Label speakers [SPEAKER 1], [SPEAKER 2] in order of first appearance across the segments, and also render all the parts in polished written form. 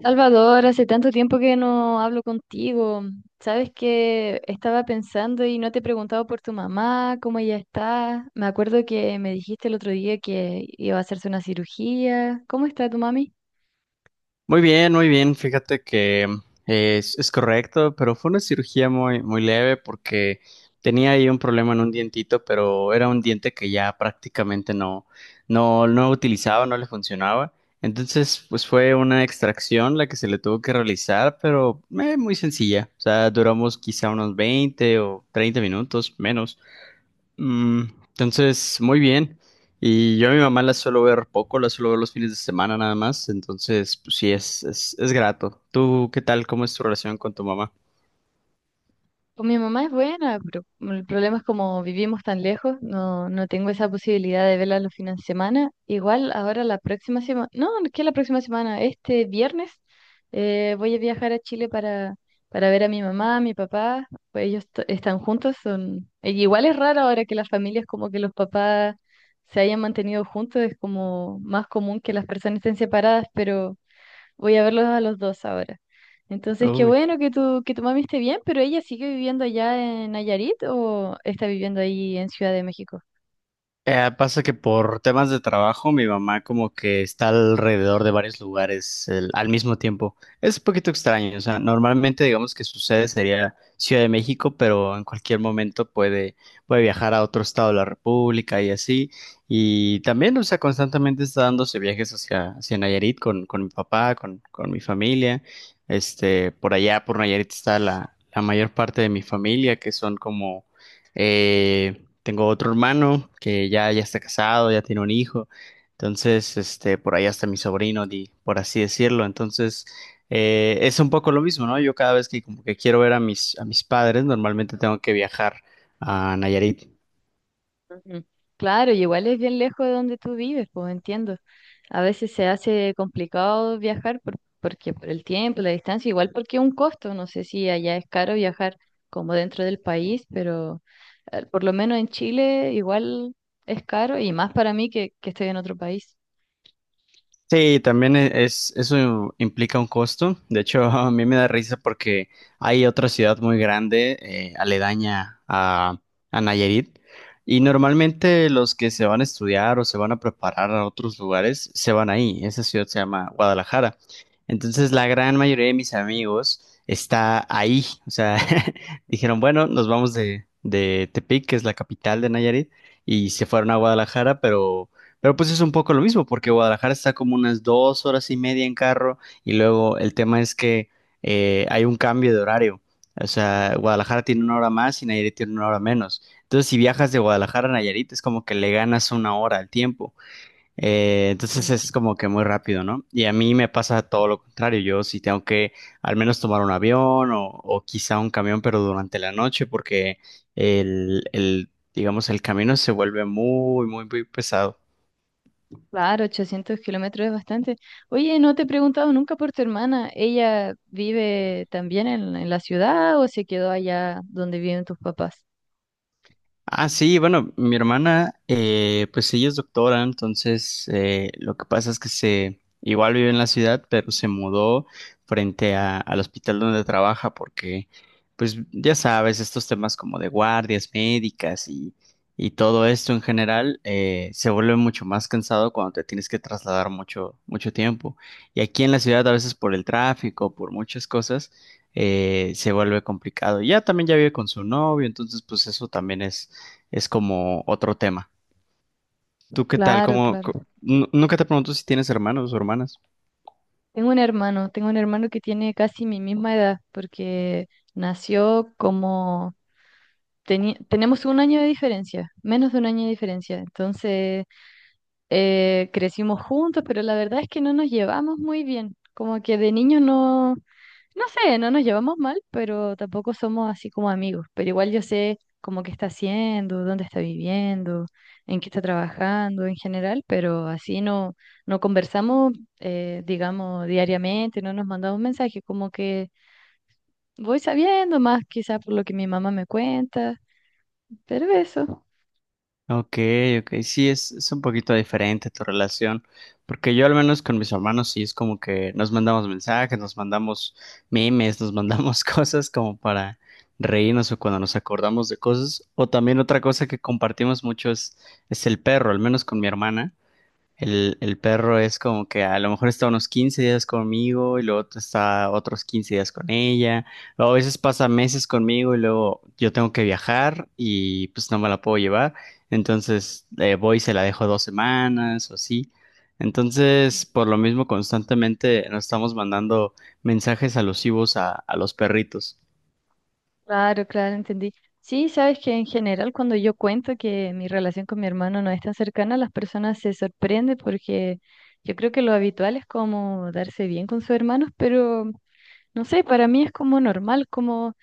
[SPEAKER 1] Salvador, hace tanto tiempo que no hablo contigo. Sabes que estaba pensando y no te he preguntado por tu mamá, cómo ella está. Me acuerdo que me dijiste el otro día que iba a hacerse una cirugía. ¿Cómo está tu mami?
[SPEAKER 2] Muy bien, muy bien. Fíjate que es correcto, pero fue una cirugía muy, muy leve porque tenía ahí un problema en un dientito, pero era un diente que ya prácticamente no utilizaba, no le funcionaba. Entonces, pues fue una extracción la que se le tuvo que realizar, pero muy sencilla. O sea, duramos quizá unos 20 o 30 minutos menos. Mm, entonces, muy bien. Y yo a mi mamá la suelo ver poco, la suelo ver los fines de semana nada más. Entonces, pues sí, es grato. ¿Tú qué tal? ¿Cómo es tu relación con tu mamá?
[SPEAKER 1] Con mi mamá es buena, pero el problema es como vivimos tan lejos, no, no tengo esa posibilidad de verla los fines de semana. Igual ahora la próxima semana, no, que la próxima semana, este viernes voy a viajar a Chile para ver a mi mamá, a mi papá, pues ellos están juntos, son... E igual es raro ahora que las familias, como que los papás se hayan mantenido juntos, es como más común que las personas estén separadas, pero... Voy a verlos a los dos ahora. Entonces, qué
[SPEAKER 2] Uy.
[SPEAKER 1] bueno que que tu mami esté bien, pero ella sigue viviendo allá en Nayarit o está viviendo ahí en Ciudad de México.
[SPEAKER 2] Pasa que por temas de trabajo, mi mamá como que está alrededor de varios lugares al mismo tiempo. Es un poquito extraño, o sea, normalmente digamos que su sede sería Ciudad de México, pero en cualquier momento puede, viajar a otro estado de la República y así. Y también, o sea, constantemente está dándose viajes hacia, Nayarit con mi papá, con mi familia. Este, por allá, por Nayarit está la, mayor parte de mi familia, que son como... eh, Tengo otro hermano que ya está casado, ya tiene un hijo. Entonces, este, por ahí hasta mi sobrino, por así decirlo. Entonces, es un poco lo mismo, ¿no? Yo cada vez que como que quiero ver a mis, padres, normalmente tengo que viajar a Nayarit.
[SPEAKER 1] Ujú. Claro, y igual es bien lejos de donde tú vives, pues entiendo. A veces se hace complicado viajar porque por el tiempo, la distancia, igual porque es un costo. No sé si allá es caro viajar como dentro del país, pero por lo menos en Chile igual es caro y más para mí que estoy en otro país.
[SPEAKER 2] Sí, también eso implica un costo. De hecho, a mí me da risa porque hay otra ciudad muy grande, aledaña a Nayarit, y normalmente los que se van a estudiar o se van a preparar a otros lugares se van ahí. Esa ciudad se llama Guadalajara. Entonces, la gran mayoría de mis amigos está ahí. O sea, dijeron, bueno, nos vamos de, Tepic, que es la capital de Nayarit, y se fueron a Guadalajara, pero pues es un poco lo mismo, porque Guadalajara está como unas 2 horas y media en carro y luego el tema es que hay un cambio de horario. O sea, Guadalajara tiene una hora más y Nayarit tiene una hora menos. Entonces, si viajas de Guadalajara a Nayarit, es como que le ganas una hora al tiempo. Entonces, es como que muy rápido, ¿no? Y a mí me pasa todo lo contrario. Yo sí tengo que al menos tomar un avión o quizá un camión, pero durante la noche, porque digamos, el camino se vuelve muy, muy, muy pesado.
[SPEAKER 1] Claro, 800 kilómetros es bastante. Oye, no te he preguntado nunca por tu hermana. ¿Ella vive también en la ciudad o se quedó allá donde viven tus papás?
[SPEAKER 2] Ah, sí, bueno, mi hermana, pues ella es doctora, entonces lo que pasa es que se, igual vive en la ciudad, pero se mudó frente al hospital donde trabaja porque, pues ya sabes, estos temas como de guardias médicas y todo esto en general se vuelve mucho más cansado cuando te tienes que trasladar mucho, mucho tiempo. Y aquí en la ciudad, a veces por el tráfico, por muchas cosas, se vuelve complicado. Y ya también ya vive con su novio, entonces pues eso también es como otro tema. ¿Tú qué tal?
[SPEAKER 1] Claro, claro.
[SPEAKER 2] Nunca te pregunto si tienes hermanos o hermanas?
[SPEAKER 1] Tengo un hermano que tiene casi mi misma edad, porque nació como... tenemos 1 año de diferencia, menos de 1 año de diferencia. Entonces, crecimos juntos, pero la verdad es que no nos llevamos muy bien. Como que de niños no, no sé, no nos llevamos mal, pero tampoco somos así como amigos. Pero igual yo sé como qué está haciendo, dónde está viviendo, en qué está trabajando en general, pero así no, no conversamos, digamos, diariamente, no nos mandamos mensajes, como que voy sabiendo más quizás por lo que mi mamá me cuenta, pero eso.
[SPEAKER 2] Ok, ok, sí, es un poquito diferente tu relación, porque yo al menos con mis hermanos sí es como que nos mandamos mensajes, nos mandamos memes, nos mandamos cosas como para reírnos o cuando nos acordamos de cosas, o también otra cosa que compartimos mucho es, el perro, al menos con mi hermana. El perro es como que a lo mejor está unos 15 días conmigo y luego está otros 15 días con ella. Luego a veces pasa meses conmigo y luego yo tengo que viajar y pues no me la puedo llevar. Entonces voy y se la dejo 2 semanas o así. Entonces, por lo mismo, constantemente nos estamos mandando mensajes alusivos a los perritos.
[SPEAKER 1] Claro, claro, entendí. Sí, sabes que en general cuando yo cuento que mi relación con mi hermano no es tan cercana, las personas se sorprenden porque yo creo que lo habitual es como darse bien con sus hermanos, pero no sé, para mí es como normal, como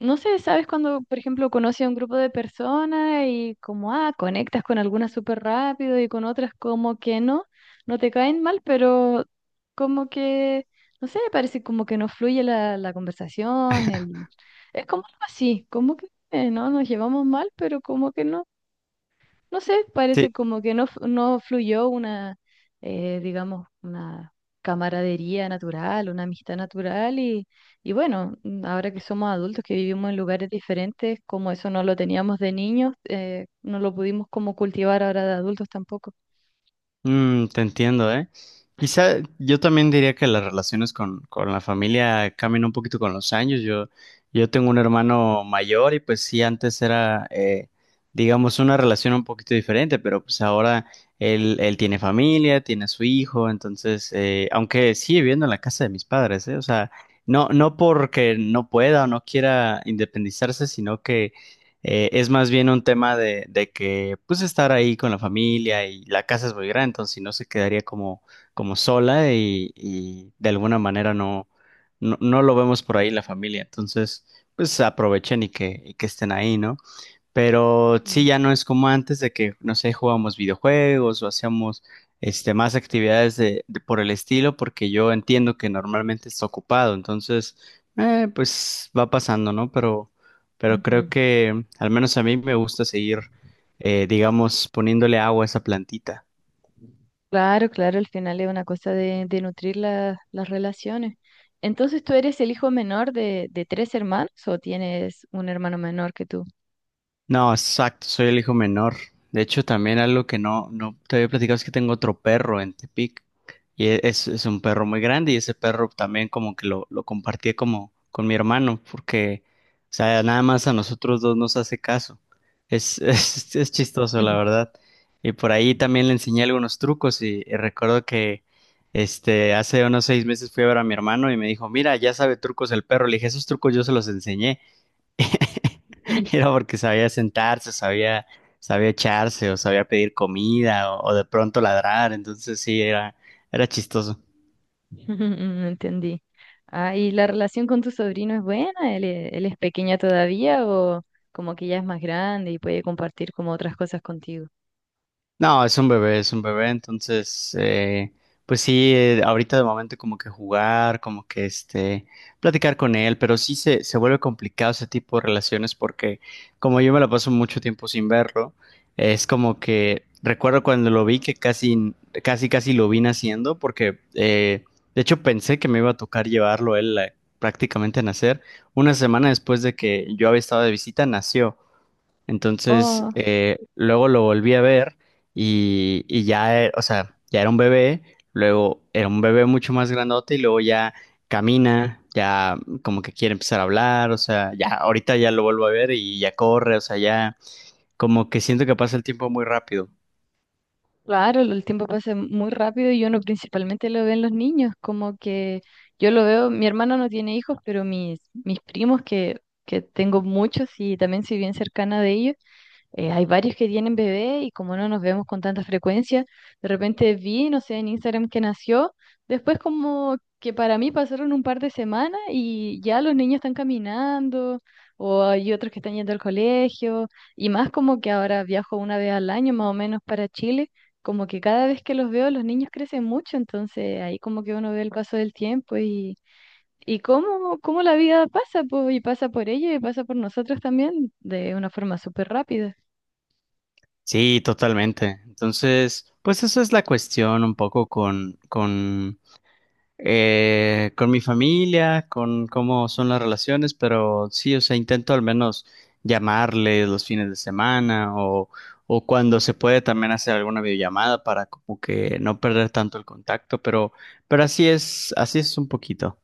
[SPEAKER 1] no sé, ¿sabes cuando, por ejemplo, conoces a un grupo de personas y como, ah, conectas con algunas súper rápido y con otras como que no, no te caen mal, pero como que, no sé, parece como que no fluye la conversación, el... es como algo así, como que no nos llevamos mal, pero como que no, no sé,
[SPEAKER 2] Sí,
[SPEAKER 1] parece como que no, no fluyó una, digamos, una camaradería natural, una amistad natural y bueno, mm, ahora que somos adultos, que vivimos en lugares diferentes, como eso no lo teníamos de niños, no lo pudimos como cultivar ahora de adultos tampoco.
[SPEAKER 2] Te entiendo, ¿eh? Quizá yo también diría que las relaciones con, la familia cambian un poquito con los años. Yo tengo un hermano mayor y pues sí, antes era, digamos, una relación un poquito diferente, pero pues ahora él, tiene familia, tiene a su hijo, entonces, aunque sigue viviendo en la casa de mis padres, ¿eh? O sea, no, porque no pueda o no quiera independizarse, sino que es más bien un tema de que, pues, estar ahí con la familia y la casa es muy grande, entonces si no se quedaría como, como sola y, de alguna manera no lo vemos por ahí la familia. Entonces, pues, aprovechen y que estén ahí, ¿no? Pero sí,
[SPEAKER 1] Ujú,
[SPEAKER 2] ya no es como antes de que, no sé, jugábamos videojuegos o hacíamos este, más actividades de, por el estilo, porque yo entiendo que normalmente está ocupado, entonces, pues va pasando, ¿no? pero, creo
[SPEAKER 1] ujú.
[SPEAKER 2] que al menos a mí me gusta seguir, digamos, poniéndole agua a esa plantita.
[SPEAKER 1] Claro, claro, al final es una cosa de nutrir las relaciones. Entonces, ¿tú eres el hijo menor de tres hermanos o tienes un hermano menor que tú?
[SPEAKER 2] No, exacto, soy el hijo menor. De hecho, también algo que no, te había platicado es que tengo otro perro en Tepic. Y es un perro muy grande y ese perro también como que lo compartí como con mi hermano porque, o sea, nada más a nosotros dos nos hace caso. Es, es chistoso, la verdad. Y por ahí también le enseñé algunos trucos y recuerdo que este, hace unos 6 meses fui a ver a mi hermano y me dijo, mira, ya sabe trucos el perro. Le dije, esos trucos yo se los enseñé. Era porque sabía sentarse, sabía, echarse o sabía pedir comida o, de pronto ladrar, entonces sí, era chistoso.
[SPEAKER 1] Entendí. Ah, ¿y la relación con tu sobrino es buena? ¿Él, él es pequeña todavía o como que ya es más grande y puede compartir como otras cosas contigo?
[SPEAKER 2] No, es un bebé, entonces, pues sí, ahorita de momento como que jugar, como que este, platicar con él, pero sí se vuelve complicado ese tipo de relaciones porque como yo me la paso mucho tiempo sin verlo, es como que recuerdo cuando lo vi que casi, casi, casi lo vi naciendo porque, de hecho pensé que me iba a tocar llevarlo él prácticamente a nacer. Una semana después de que yo había estado de visita, nació. Entonces,
[SPEAKER 1] Oh,
[SPEAKER 2] luego lo volví a ver y, ya, o sea, ya era un bebé, luego era un bebé mucho más grandote y luego ya camina, ya como que quiere empezar a hablar, o sea, ya ahorita ya lo vuelvo a ver y ya corre, o sea, ya como que siento que pasa el tiempo muy rápido.
[SPEAKER 1] claro, el tiempo pasa muy rápido y uno principalmente lo ve en los niños, como que yo lo veo, mi hermano no tiene hijos, pero mis, mis primos que tengo muchos y también soy bien cercana de ellos. Hay varios que tienen bebé y como no nos vemos con tanta frecuencia, de repente vi, no sé, en Instagram que nació, después como que para mí pasaron un par de semanas y ya los niños están caminando o hay otros que están yendo al colegio y más como que ahora viajo 1 vez al año más o menos para Chile, como que cada vez que los veo los niños crecen mucho, entonces ahí como que uno ve el paso del tiempo y... y cómo, cómo la vida pasa, po, y pasa por ellos y pasa por nosotros también de una forma súper rápida.
[SPEAKER 2] Sí, totalmente. Entonces, pues eso es la cuestión un poco con mi familia, con cómo son las relaciones, pero sí, o sea, intento al menos llamarles los fines de semana o cuando se puede también hacer alguna videollamada para como que no perder tanto el contacto, pero, así es un poquito.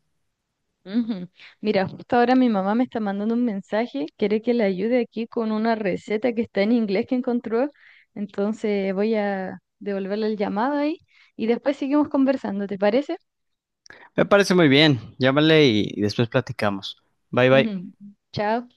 [SPEAKER 1] Ujú. Mira, justo ahora mi mamá me está mandando un mensaje, quiere que le ayude aquí con una receta que está en inglés que encontró, entonces voy a devolverle el llamado ahí y después seguimos conversando, ¿te parece?
[SPEAKER 2] Me parece muy bien, llámale y después platicamos. Bye bye.
[SPEAKER 1] Ujú. Chao.